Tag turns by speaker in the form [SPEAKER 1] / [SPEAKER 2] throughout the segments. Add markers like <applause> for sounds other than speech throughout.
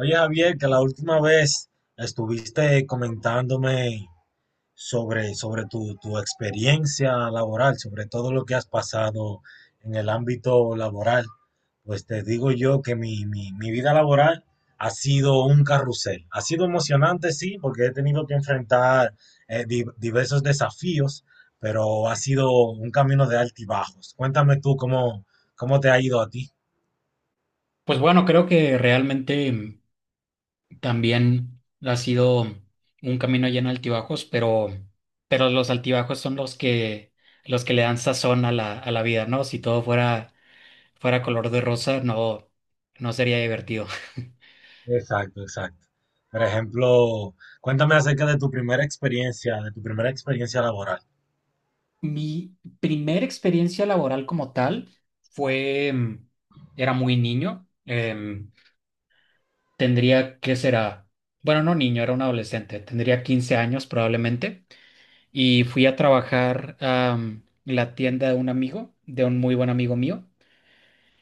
[SPEAKER 1] Oye, Javier, que la última vez estuviste comentándome sobre tu experiencia laboral, sobre todo lo que has pasado en el ámbito laboral. Pues te digo yo que mi vida laboral ha sido un carrusel. Ha sido emocionante, sí, porque he tenido que enfrentar diversos desafíos, pero ha sido un camino de altibajos. Cuéntame tú cómo te ha ido a ti.
[SPEAKER 2] Pues bueno, creo que realmente también ha sido un camino lleno de altibajos, pero los altibajos son los que le dan sazón a la vida, ¿no? Si todo fuera color de rosa, no sería divertido.
[SPEAKER 1] Exacto, exacto. Por ejemplo, cuéntame acerca de tu primera experiencia laboral.
[SPEAKER 2] <laughs> Mi primera experiencia laboral como tal fue, mm, era muy niño, tendría que será, bueno, no niño, era un adolescente, tendría 15 años probablemente. Y fui a trabajar a la tienda de un amigo, de un muy buen amigo mío.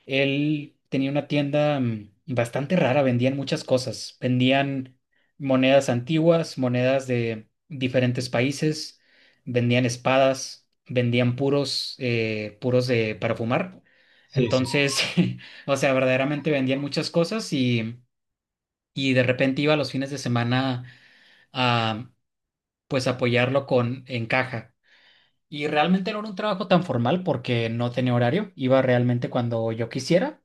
[SPEAKER 2] Él tenía una tienda bastante rara, vendían muchas cosas, vendían monedas antiguas, monedas de diferentes países, vendían espadas, vendían puros, puros de para fumar.
[SPEAKER 1] Sí, sí.
[SPEAKER 2] Entonces, <laughs> o sea, verdaderamente vendían muchas cosas y de repente iba los fines de semana a pues apoyarlo con en caja. Y realmente no era un trabajo tan formal porque no tenía horario, iba realmente cuando yo quisiera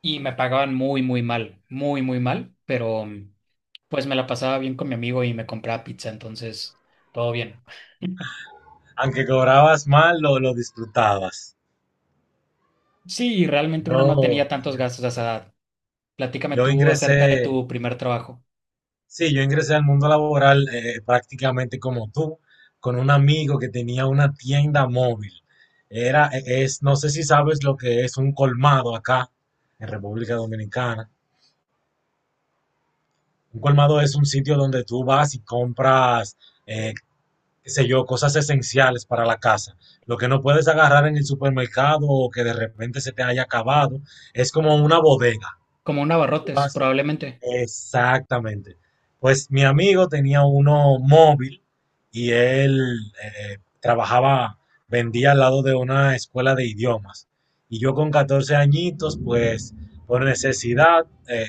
[SPEAKER 2] y me pagaban muy, muy mal, pero pues me la pasaba bien con mi amigo y me compraba pizza, entonces todo bien. <laughs>
[SPEAKER 1] Aunque cobrabas mal, lo disfrutabas.
[SPEAKER 2] Sí, realmente uno no
[SPEAKER 1] Yo,
[SPEAKER 2] tenía tantos gastos a esa edad. Platícame
[SPEAKER 1] yo
[SPEAKER 2] tú
[SPEAKER 1] ingresé,
[SPEAKER 2] acerca de tu primer trabajo,
[SPEAKER 1] sí, yo ingresé al mundo laboral, prácticamente como tú, con un amigo que tenía una tienda móvil. Es, no sé si sabes lo que es un colmado acá, en República Dominicana. Un colmado es un sitio donde tú vas y compras, eh, qué sé yo, cosas esenciales para la casa. Lo que no puedes agarrar en el supermercado o que de repente se te haya acabado, es como una bodega.
[SPEAKER 2] como un
[SPEAKER 1] Tú
[SPEAKER 2] abarrotes,
[SPEAKER 1] vas
[SPEAKER 2] probablemente.
[SPEAKER 1] Exactamente. Pues mi amigo tenía uno móvil y él eh, trabajaba, vendía al lado de una escuela de idiomas. Y yo con 14 añitos, pues por necesidad,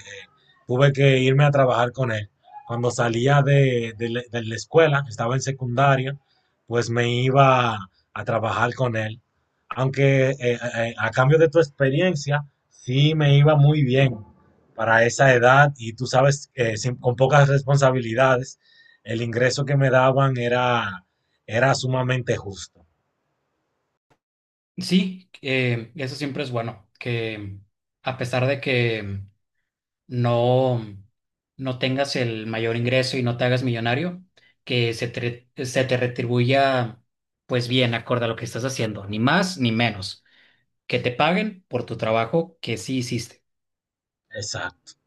[SPEAKER 1] tuve que irme a trabajar con él. Cuando salía de la escuela, estaba en secundaria, pues me iba a trabajar con él, aunque a cambio de tu experiencia, sí me iba muy bien para esa edad y tú sabes, con pocas responsabilidades, el ingreso que me daban era sumamente justo.
[SPEAKER 2] Sí, eso siempre es bueno, que a pesar de que no, no tengas el mayor ingreso y no te hagas millonario, que se te retribuya pues bien, acorde a lo que estás haciendo, ni más ni menos, que te paguen por tu trabajo que sí hiciste.
[SPEAKER 1] Exacto,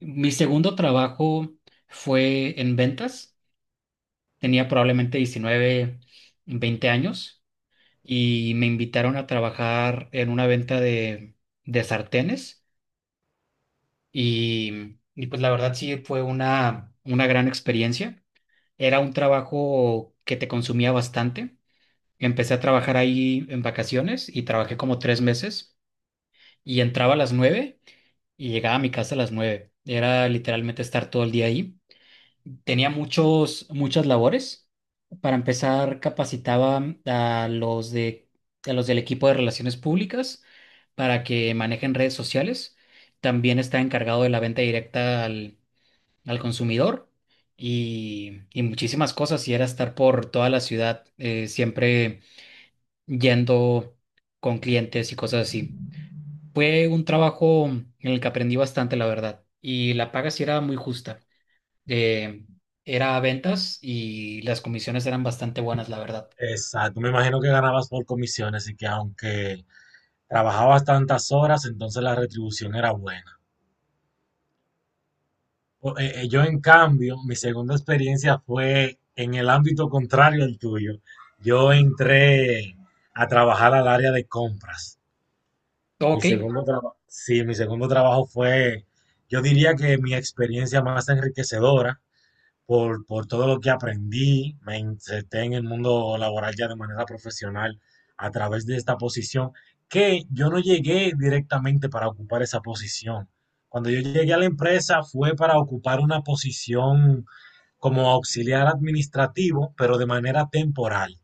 [SPEAKER 2] Mi segundo trabajo fue en ventas, tenía probablemente 19 20 años y me invitaron a trabajar en una venta de sartenes y pues la verdad sí fue una gran experiencia. Era un trabajo que te consumía bastante. Empecé a trabajar ahí en vacaciones y trabajé como 3 meses y entraba a las 9 y llegaba a mi casa a las 9. Era literalmente estar todo el día ahí. Tenía muchos, muchas labores. Para empezar, capacitaba a los de, a los del equipo de relaciones públicas para que manejen redes sociales. También estaba encargado de la venta directa al consumidor y muchísimas cosas. Y era estar por toda la ciudad, siempre yendo con clientes y cosas así. Fue un trabajo en el que aprendí bastante, la verdad. Y la paga sí era muy justa. Eh, era ventas y las comisiones eran bastante buenas, la verdad.
[SPEAKER 1] exacto. Me imagino que ganabas por comisiones y que aunque trabajabas tantas horas, entonces la retribución era buena. Yo, en cambio, mi segunda experiencia fue en el ámbito contrario al tuyo. Yo entré a trabajar al área de compras.
[SPEAKER 2] Ok.
[SPEAKER 1] Mi segundo trabajo fue, yo diría que mi experiencia más enriquecedora, por todo lo que aprendí. Me inserté en el mundo laboral ya de manera profesional a través de esta posición, que yo no llegué directamente para ocupar esa posición. Cuando yo llegué a la empresa fue para ocupar una posición como auxiliar administrativo, pero de manera temporal.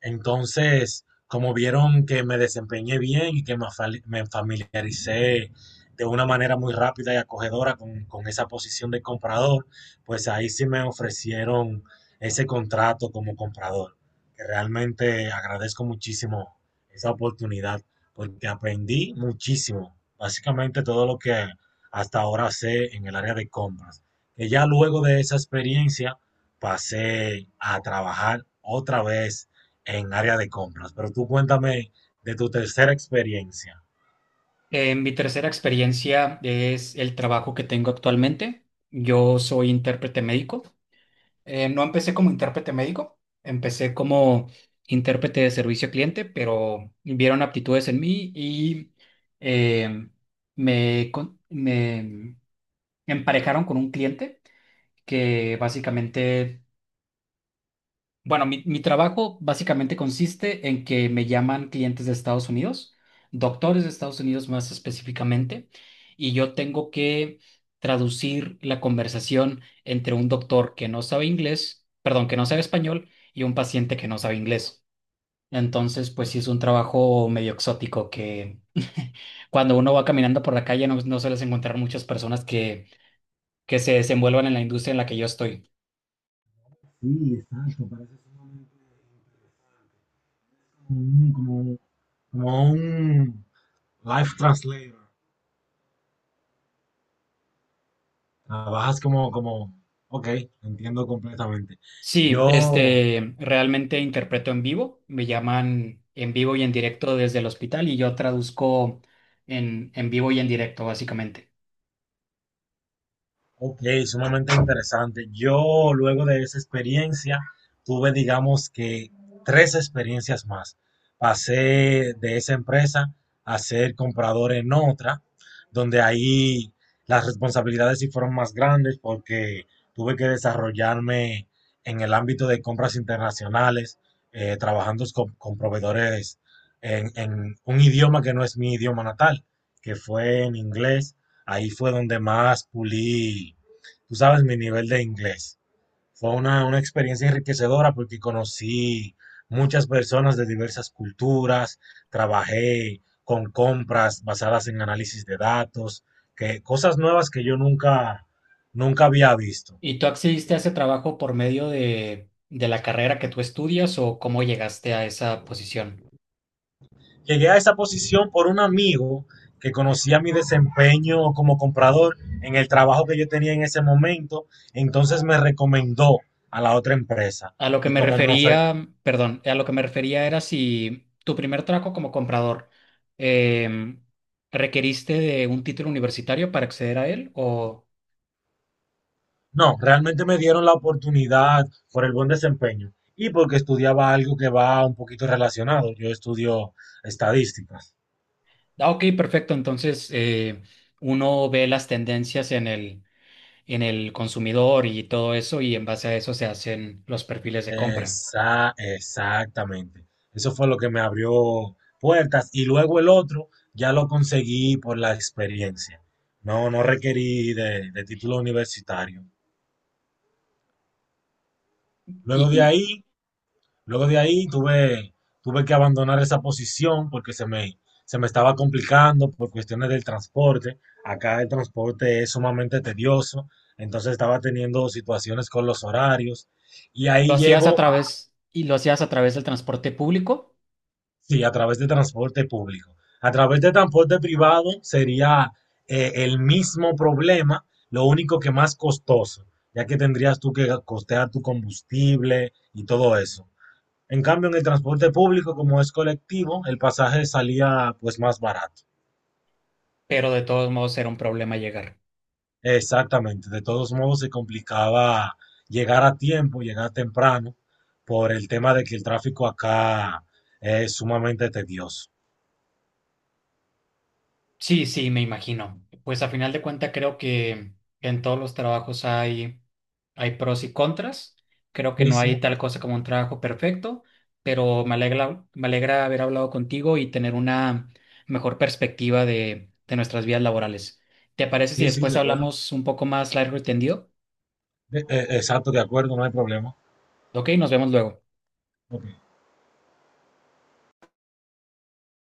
[SPEAKER 1] Entonces, como vieron que me desempeñé bien y que me familiaricé de una manera muy rápida y acogedora con esa posición de comprador, pues ahí sí me ofrecieron ese contrato como comprador, que realmente agradezco muchísimo esa oportunidad, porque aprendí muchísimo, básicamente todo lo que hasta ahora sé en el área de compras, que ya luego de esa experiencia pasé a trabajar otra vez en área de compras. Pero tú cuéntame de tu tercera experiencia.
[SPEAKER 2] Mi tercera experiencia es el trabajo que tengo actualmente. Yo soy intérprete médico. No empecé como intérprete médico, empecé como intérprete de servicio al cliente, pero vieron aptitudes en mí y eh, me emparejaron con un cliente que básicamente bueno, mi trabajo básicamente consiste en que me llaman clientes de Estados Unidos, doctores de Estados Unidos más específicamente, y yo tengo que traducir la conversación entre un doctor que no sabe inglés, perdón, que no sabe español, y un paciente que no sabe inglés. Entonces, pues sí es un trabajo medio exótico que <laughs> cuando uno va caminando por la calle no, sueles encontrar muchas personas que se desenvuelvan en la industria en la que yo estoy.
[SPEAKER 1] Sí, exacto, parece que es un como, como, como un life translator. Trabajas como, como, ok, entiendo completamente.
[SPEAKER 2] Sí,
[SPEAKER 1] Yo
[SPEAKER 2] este, realmente interpreto en vivo, me llaman en vivo y en directo desde el hospital y yo traduzco en vivo y en directo, básicamente.
[SPEAKER 1] Ok, sumamente interesante. Yo luego de esa experiencia tuve, digamos que, tres experiencias más. Pasé de esa empresa a ser comprador en otra, donde ahí las responsabilidades sí fueron más grandes porque tuve que desarrollarme en el ámbito de compras internacionales, trabajando con proveedores en un idioma que no es mi idioma natal, que fue en inglés. Ahí fue donde más pulí, tú sabes, mi nivel de inglés. Fue una experiencia enriquecedora porque conocí muchas personas de diversas culturas, trabajé con compras basadas en análisis de datos, que, cosas nuevas que yo nunca había visto.
[SPEAKER 2] ¿Y tú accediste a ese trabajo por medio de la carrera que tú estudias o cómo llegaste a esa posición?
[SPEAKER 1] Llegué a esa posición por un amigo que conocía mi desempeño como comprador en el trabajo que yo tenía en ese momento, entonces me recomendó a la otra empresa.
[SPEAKER 2] A lo que
[SPEAKER 1] Y
[SPEAKER 2] me
[SPEAKER 1] como me ofrecieron
[SPEAKER 2] refería, perdón, a lo que me refería era si tu primer trabajo como comprador em, requeriste de un título universitario para acceder a él... o...
[SPEAKER 1] No, realmente me dieron la oportunidad por el buen desempeño y porque estudiaba algo que va un poquito relacionado. Yo estudio estadísticas.
[SPEAKER 2] Ah, ok, perfecto. Entonces, uno ve las tendencias en el consumidor y todo eso, y en base a eso se hacen los perfiles de compra.
[SPEAKER 1] Exactamente. Eso fue lo que me abrió puertas y luego el otro ya lo conseguí por la experiencia. No, no requerí de título universitario. Luego de
[SPEAKER 2] Y
[SPEAKER 1] ahí Luego de ahí tuve que abandonar esa posición porque se me estaba complicando por cuestiones del transporte. Acá el transporte es sumamente tedioso, entonces estaba teniendo situaciones con los horarios. Y
[SPEAKER 2] lo
[SPEAKER 1] ahí
[SPEAKER 2] hacías a
[SPEAKER 1] llego,
[SPEAKER 2] través, y lo hacías a través del transporte público,
[SPEAKER 1] sí, a través de transporte público. A través de transporte privado sería el mismo problema, lo único que más costoso, ya que tendrías tú que costear tu combustible y todo eso. En cambio, en el transporte público, como es colectivo, el pasaje salía pues más barato.
[SPEAKER 2] pero de todos modos era un problema llegar.
[SPEAKER 1] Exactamente. De todos modos, se complicaba llegar a tiempo, llegar temprano, por el tema de que el tráfico acá es sumamente tedioso.
[SPEAKER 2] Sí, sí, me imagino. Pues a final de cuentas creo que en todos los trabajos hay pros y contras. Creo que
[SPEAKER 1] Sí,
[SPEAKER 2] no
[SPEAKER 1] sí,
[SPEAKER 2] hay tal cosa como un trabajo perfecto, pero me alegra haber hablado contigo y tener una mejor perspectiva de nuestras vidas laborales. ¿Te parece si
[SPEAKER 1] sí,
[SPEAKER 2] después
[SPEAKER 1] de acuerdo.
[SPEAKER 2] hablamos un poco más largo y tendido?
[SPEAKER 1] Exacto, de acuerdo, no hay problema.
[SPEAKER 2] Ok, nos vemos luego.
[SPEAKER 1] Ok.